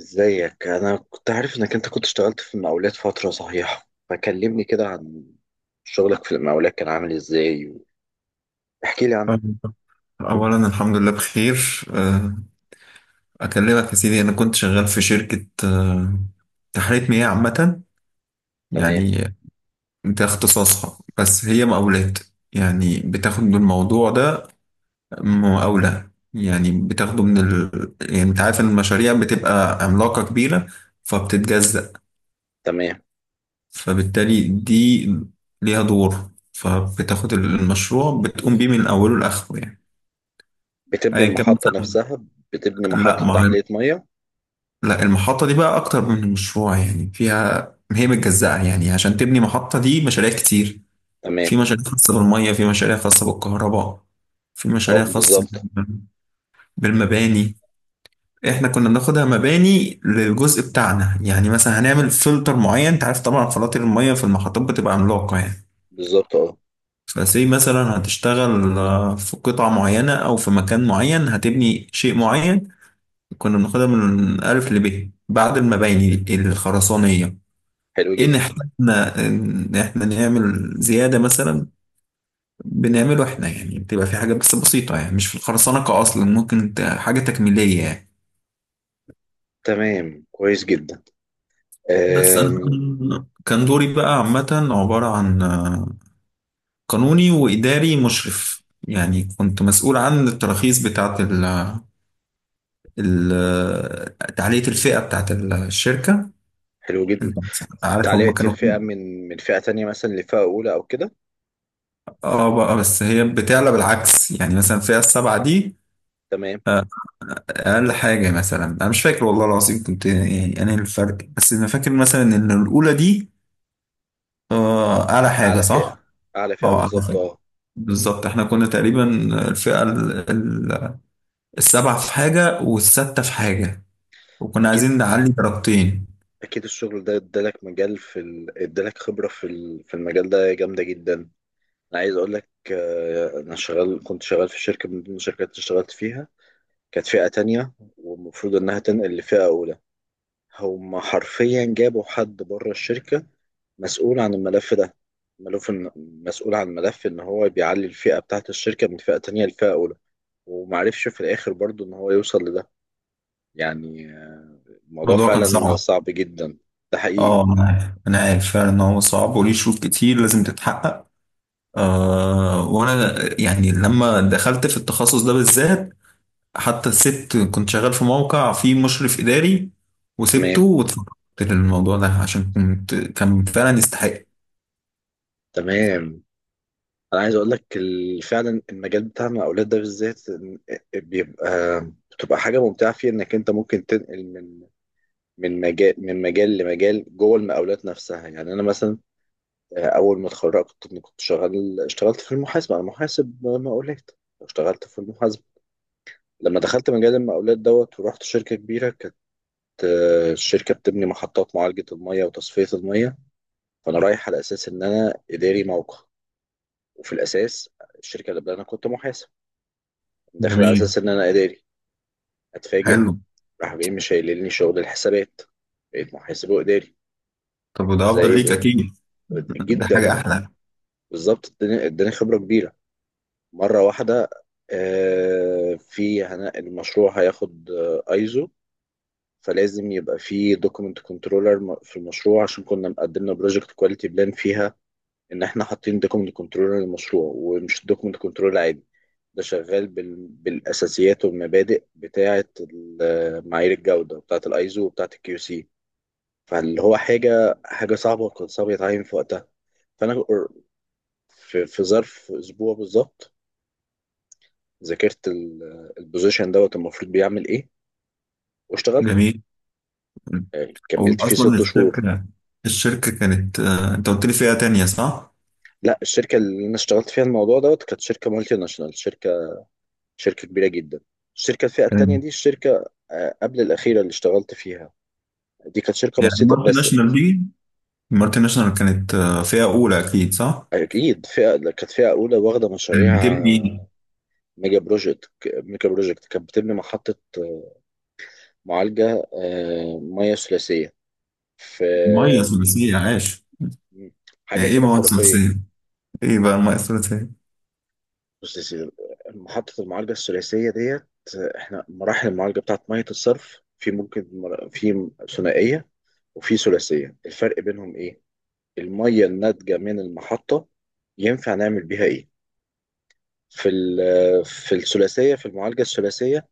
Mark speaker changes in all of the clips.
Speaker 1: ازيك؟ انا كنت عارف انك انت كنت اشتغلت في المقاولات فترة صحيحة، فكلمني كده عن شغلك في المقاولات كان عامل ازاي. احكي لي عنه.
Speaker 2: طيب، أولا الحمد لله بخير أكلمك يا سيدي. أنا كنت شغال في شركة تحلية مياه عامة
Speaker 1: تمام.
Speaker 2: يعني. ده اختصاصها، بس هي مقاولات يعني. بتاخد الموضوع ده مقاولة، يعني بتاخده من يعني أنت عارف إن المشاريع بتبقى عملاقة كبيرة، فبتتجزأ.
Speaker 1: تمام.
Speaker 2: فبالتالي دي ليها دور، فبتاخد المشروع بتقوم بيه من أوله لآخره يعني،
Speaker 1: بتبني
Speaker 2: أيا كان
Speaker 1: المحطة
Speaker 2: مثلا.
Speaker 1: نفسها؟ بتبني
Speaker 2: لا،
Speaker 1: محطة
Speaker 2: ما هو
Speaker 1: تحلية مية؟
Speaker 2: لا، المحطة دي بقى أكتر من مشروع يعني، فيها هي متجزأة يعني، عشان تبني محطة دي مشاريع كتير.
Speaker 1: تمام،
Speaker 2: في مشاريع خاصة بالمية، في مشاريع خاصة بالكهرباء، في
Speaker 1: اه،
Speaker 2: مشاريع خاصة
Speaker 1: بالظبط.
Speaker 2: بالمباني. احنا كنا بناخدها مباني للجزء بتاعنا، يعني مثلا هنعمل فلتر معين. انت عارف طبعا فلاتر المية في المحطات بتبقى عملاقة يعني.
Speaker 1: بالظبط، اه.
Speaker 2: فسي مثلا هتشتغل في قطعة معينة أو في مكان معين هتبني شيء معين. كنا بناخدها من ألف لب بعد المباني الخرسانية.
Speaker 1: حلو
Speaker 2: إيه؟ ان
Speaker 1: جدا.
Speaker 2: احنا ان احنا نعمل زياده مثلا، بنعمله احنا يعني. بتبقى في حاجه بس بسيطه يعني، مش في الخرسانقه اصلا، ممكن حاجه تكميليه يعني.
Speaker 1: تمام، كويس جدا.
Speaker 2: بس
Speaker 1: آم.
Speaker 2: انا كان دوري بقى عامه عباره عن قانوني واداري مشرف يعني. كنت مسؤول عن التراخيص بتاعه تعلية الفئة بتاعت الشركة.
Speaker 1: حلو جدا.
Speaker 2: انت عارف هم
Speaker 1: تعليقة
Speaker 2: كانوا...
Speaker 1: الفئة من فئة تانية مثلا لفئة أولى أو كده.
Speaker 2: اه، بقى بس هي بتعلى بالعكس يعني، مثلا الفئة السبعة دي
Speaker 1: تمام.
Speaker 2: اقل حاجه. مثلا انا مش فاكر والله العظيم، كنت يعني انا الفرق، بس انا فاكر مثلا ان الاولى دي اعلى حاجه
Speaker 1: أعلى فئة.
Speaker 2: صح.
Speaker 1: أعلى فئة،
Speaker 2: اه، اعلى
Speaker 1: بالظبط
Speaker 2: حاجه
Speaker 1: اه.
Speaker 2: بالظبط. احنا كنا تقريبا الفئه السبعه في حاجه والسادسه في حاجه، وكنا
Speaker 1: أكيد.
Speaker 2: عايزين نعلي درجتين.
Speaker 1: اكيد الشغل ده ادالك مجال ادالك خبره في المجال ده جامده جدا. انا عايز اقول لك، انا شغال كنت شغال في شركه من ضمن الشركات اللي اشتغلت فيها، كانت فئه تانية والمفروض انها تنقل لفئه اولى. هم حرفيا جابوا حد بره الشركه مسؤول عن الملف ده. مسؤول عن ملف ان هو بيعلي الفئه بتاعت الشركه من فئه تانية لفئه اولى. ومعرفش في الاخر برضو ان هو يوصل لده. يعني الموضوع
Speaker 2: الموضوع كان
Speaker 1: فعلا
Speaker 2: صعب.
Speaker 1: صعب جدا. ده
Speaker 2: اه،
Speaker 1: حقيقي.
Speaker 2: انا عارف فعلا ان هو صعب وليه شروط كتير لازم تتحقق. وانا يعني لما دخلت في التخصص ده بالذات، حتى سبت كنت شغال في موقع فيه مشرف إداري، وسبته
Speaker 1: تمام.
Speaker 2: واتفقدت للموضوع ده عشان كنت كان فعلا يستحق.
Speaker 1: تمام. انا عايز اقول لك فعلا المجال بتاعنا الاولاد ده بالذات بيبقى بتبقى حاجه ممتعه فيه انك انت ممكن تنقل من من مجال لمجال جوه المقاولات نفسها. يعني انا مثلا اول ما اتخرجت كنت شغال اشتغلت في المحاسبه. انا محاسب مقاولات، اشتغلت في المحاسبه. لما دخلت مجال المقاولات دوت ورحت شركه كبيره كانت، الشركه بتبني محطات معالجه الميه وتصفيه الميه. فانا رايح على اساس ان انا اداري موقع، وفي الاساس الشركه اللي قبل انا كنت محاسب، داخل على
Speaker 2: جميل.
Speaker 1: اساس ان انا اداري. اتفاجئ
Speaker 2: حلو.
Speaker 1: راح جاي مش هيقللني شغل الحسابات، بقيت محاسب واداري.
Speaker 2: طب وده أفضل
Speaker 1: زي
Speaker 2: ليك
Speaker 1: ال-
Speaker 2: أكيد. ده حاجة
Speaker 1: جدا.
Speaker 2: أحلى.
Speaker 1: بالظبط. اداني خبره كبيره مره واحده. المشروع هياخد ايزو، فلازم يبقى في دوكيمنت كنترولر في المشروع، عشان كنا مقدمنا بروجكت كواليتي بلان فيها ان احنا حاطين دوكمنت كنترول للمشروع، ومش دوكمنت كنترول عادي. ده شغال بالاساسيات والمبادئ بتاعه معايير الجوده بتاعه الايزو وبتاعه الكيو سي. فاللي هو حاجه صعبه، وكان صعب يتعين في وقتها. فانا في ظرف اسبوع بالظبط ذاكرت البوزيشن دوت المفروض بيعمل ايه واشتغلته.
Speaker 2: جميل.
Speaker 1: يعني
Speaker 2: هو
Speaker 1: كملت فيه
Speaker 2: أصلا
Speaker 1: ست شهور.
Speaker 2: الشركة، الشركة كانت أنت قلت لي فئة تانية صح؟
Speaker 1: لا، الشركه اللي انا اشتغلت فيها الموضوع دوت كانت شركه مالتي ناشونال، شركة كبيرة جدا. الشركة الفئة التانية
Speaker 2: كانت
Speaker 1: دي الشركة قبل الأخيرة اللي اشتغلت فيها، دي كانت شركة
Speaker 2: يعني
Speaker 1: بسيطة
Speaker 2: المالتي
Speaker 1: بس.
Speaker 2: ناشونال دي، المالتي ناشونال كانت فئة أولى أكيد صح؟
Speaker 1: أكيد فئة كانت فئة أولى، واخدة
Speaker 2: كانت
Speaker 1: مشاريع
Speaker 2: بتبني
Speaker 1: ميجا بروجكت. كانت بتبني محطة، معالجة مياه ثلاثية. في
Speaker 2: مية
Speaker 1: آه،
Speaker 2: ثلاثية عاش.
Speaker 1: حاجة
Speaker 2: يعني إيه
Speaker 1: كده
Speaker 2: مية
Speaker 1: خرافية.
Speaker 2: ثلاثية؟ إيه بقى المية الثلاثية؟
Speaker 1: بص يا سيدي، محطة المعالجة الثلاثية ديت، احنا مراحل المعالجة بتاعت مية الصرف في ثنائية وفي ثلاثية. الفرق بينهم ايه؟ المية الناتجة من المحطة ينفع نعمل بيها إيه؟ في الثلاثية، في المعالجة الثلاثية،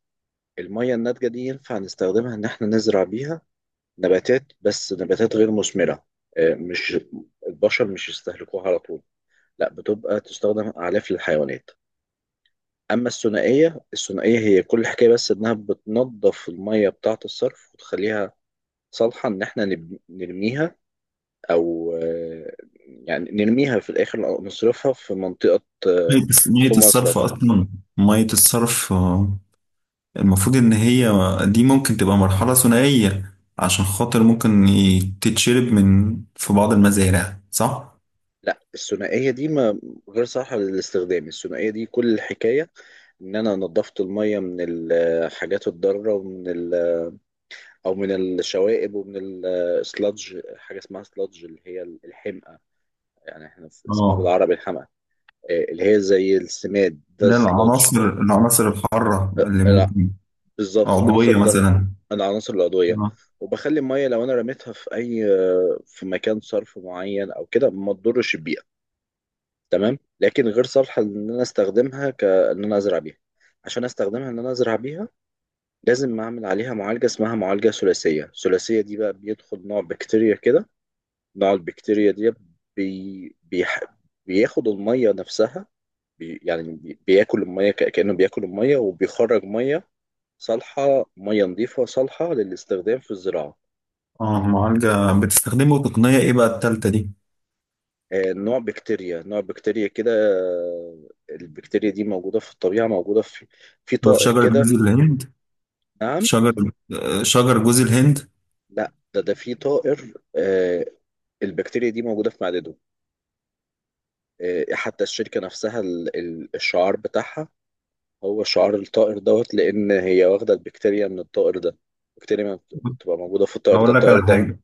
Speaker 1: المية الناتجة دي ينفع نستخدمها إن إحنا نزرع بيها نباتات، بس نباتات غير مثمرة. مش البشر مش يستهلكوها على طول، لا، بتبقى تستخدم أعلاف للحيوانات. أما الثنائية هي كل حكاية بس إنها بتنظف المية بتاعة الصرف وتخليها صالحة إن نرميها، او يعني نرميها في الاخر او نصرفها في منطقه، آه،
Speaker 2: مية
Speaker 1: في
Speaker 2: الصرف
Speaker 1: مصرف.
Speaker 2: أصلا. مية الصرف المفروض إن هي دي ممكن تبقى مرحلة ثنائية، عشان خاطر ممكن تتشرب من في بعض المزارع صح؟
Speaker 1: لا، الثنائيه دي ما غير صالحه للاستخدام. الثنائيه دي كل الحكايه ان انا نظفت الميه من الحاجات الضاره ومن او من الشوائب ومن السلادج، حاجه اسمها سلادج اللي هي الحمأة. يعني احنا اسمها
Speaker 2: اه.
Speaker 1: بالعربي الحمأة. اللي هي زي السماد ده
Speaker 2: ده
Speaker 1: السلادج.
Speaker 2: العناصر، العناصر الحارة اللي ممكن...
Speaker 1: بالظبط،
Speaker 2: عضوية مثلا.
Speaker 1: العناصر العضوية.
Speaker 2: اه.
Speaker 1: وبخلي المية لو أنا رميتها في أي مكان صرف معين أو كده ما تضرش البيئة. تمام. لكن غير صالحة إن أنا أستخدمها كإن أنا أزرع بيها. عشان أستخدمها إن أنا أزرع بيها لازم أعمل عليها معالجة اسمها معالجة ثلاثية. الثلاثية دي بقى بيدخل نوع بكتيريا كده. نوع البكتيريا دي بي... بيح... بياخد المية نفسها، بياكل المية، كأنه بياكل المية وبيخرج مية صالحة، مية نظيفة صالحة للاستخدام في الزراعة.
Speaker 2: معالجة. بتستخدموا تقنية إيه بقى التالتة دي؟
Speaker 1: نوع بكتيريا كده. البكتيريا دي موجودة في الطبيعة، موجودة في
Speaker 2: في
Speaker 1: طائر
Speaker 2: شجر جوز
Speaker 1: كده.
Speaker 2: الهند.
Speaker 1: نعم.
Speaker 2: شجر... شجر جوز الهند.
Speaker 1: لا، ده في طائر، البكتيريا دي موجودة في معدته. حتى الشركة نفسها الشعار بتاعها هو شعار الطائر دوت، لأن هي واخدة البكتيريا من الطائر ده. البكتيريا ما بت- بتبقى موجودة في الطائر ده
Speaker 2: هقول لك على
Speaker 1: الطائر ده.
Speaker 2: حاجة.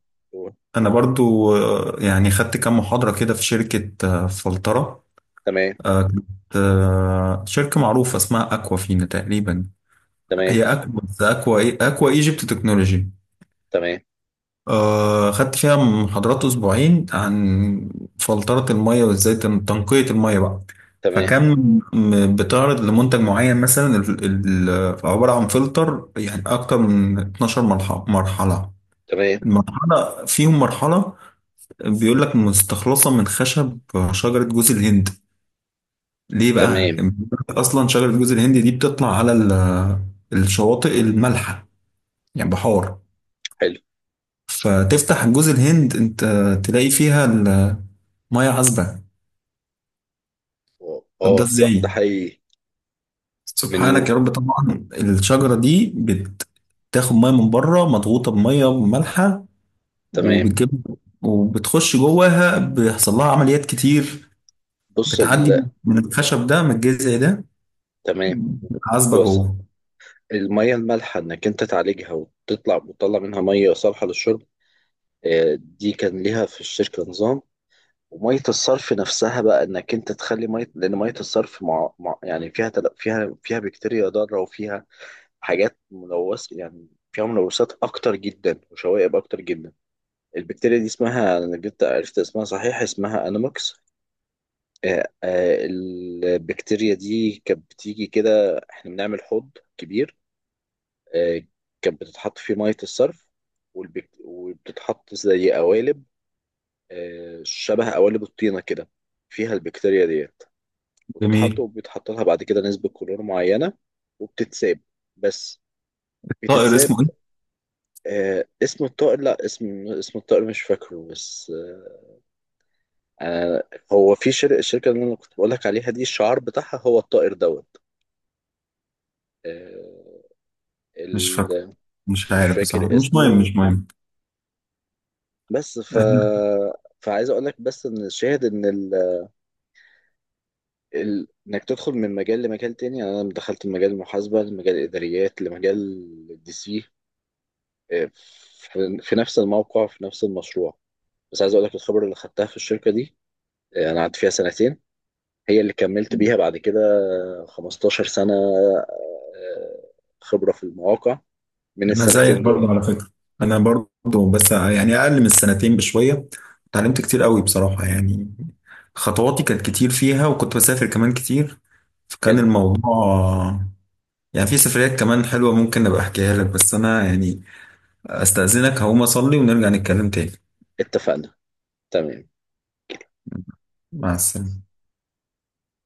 Speaker 2: انا برضو يعني خدت كام محاضرة كده في شركة فلترة.
Speaker 1: تمام.
Speaker 2: كانت شركة معروفة اسمها اكوافينا تقريبا.
Speaker 1: تمام.
Speaker 2: هي اكوا، بس اكوا ايه؟ اكوا ايجيبت تكنولوجي.
Speaker 1: تمام.
Speaker 2: خدت فيها محاضرات اسبوعين عن فلترة المية وازاي تنقية المية بقى.
Speaker 1: تمام.
Speaker 2: فكان بتعرض لمنتج معين مثلا، عبارة عن فلتر يعني اكتر من 12 مرحلة.
Speaker 1: تمام.
Speaker 2: المرحلة فيهم مرحلة بيقول لك مستخلصة من خشب شجرة جوز الهند. ليه بقى؟
Speaker 1: تمام.
Speaker 2: أصلا شجرة جوز الهند دي بتطلع على الشواطئ المالحة، يعني بحار.
Speaker 1: حلو.
Speaker 2: فتفتح جوز الهند، أنت تلاقي فيها المية عذبة. طب ده
Speaker 1: اه صح ده
Speaker 2: إزاي؟
Speaker 1: حقيقي. من.
Speaker 2: سبحانك يا رب. طبعا الشجرة دي بتاخد مية من بره مضغوطة بمية مالحة،
Speaker 1: تمام.
Speaker 2: وبتجيب وبتخش جواها بيحصل لها عمليات كتير.
Speaker 1: بص
Speaker 2: بتعدي
Speaker 1: ال...
Speaker 2: من الخشب ده، من الجذع ده
Speaker 1: تمام.
Speaker 2: عزبة
Speaker 1: وصل
Speaker 2: جوه.
Speaker 1: المية المالحة انك انت تعالجها وتطلع وتطلع منها مية صالحة للشرب. دي كان ليها في الشركة نظام. ومية الصرف نفسها بقى انك انت تخلي مية، لان مية الصرف يعني فيها فيها بكتيريا ضارة وفيها حاجات ملوثة، يعني فيها ملوثات اكتر جدا وشوائب اكتر جدا. البكتيريا دي اسمها انا جبت عرفت اسمها صحيح، اسمها انوموكس. آه، آه، البكتيريا دي كانت بتيجي كده. احنا بنعمل حوض كبير، آه، كانت بتتحط فيه مية الصرف، وبتتحط زي قوالب، شبه قوالب الطينة كده، فيها البكتيريا ديت. وتتحط
Speaker 2: جميل.
Speaker 1: وبيتحط لها بعد كده نسبة كلور معينة وبتتساب، بس
Speaker 2: طائر اسمه
Speaker 1: بتتساب.
Speaker 2: ايه؟
Speaker 1: اسم الطائر، لا اسم الطائر مش فاكره. بس هو في الشركة اللي انا كنت بقولك عليها دي الشعار بتاعها هو الطائر دوت. آه،
Speaker 2: مش فاكره.
Speaker 1: ال-
Speaker 2: مش
Speaker 1: مش
Speaker 2: عارف بصراحة،
Speaker 1: فاكر
Speaker 2: مش مهم
Speaker 1: اسمه.
Speaker 2: مش مهم.
Speaker 1: بس
Speaker 2: انا...
Speaker 1: فعايز اقول لك بس ان الشاهد ان انك تدخل من مجال لمجال تاني. يعني انا دخلت من مجال المحاسبه لمجال الاداريات لمجال الدي سي، إيه، في نفس الموقع في نفس المشروع. بس عايز اقول لك الخبره اللي خدتها في الشركه دي، انا قعدت فيها سنتين هي اللي كملت بيها بعد كده 15 سنه آه، خبره في المواقع من
Speaker 2: أنا زيك
Speaker 1: السنتين دول.
Speaker 2: برضه على فكرة. انا برضه بس يعني اقل من السنتين بشوية، اتعلمت كتير قوي بصراحة يعني. خطواتي كانت كتير فيها وكنت بسافر كمان كتير. فكان
Speaker 1: حلو.
Speaker 2: الموضوع يعني في سفريات كمان حلوة، ممكن ابقى احكيها لك. بس انا يعني استأذنك هقوم اصلي ونرجع نتكلم تاني.
Speaker 1: اتفقنا. تمام.
Speaker 2: مع السلامة.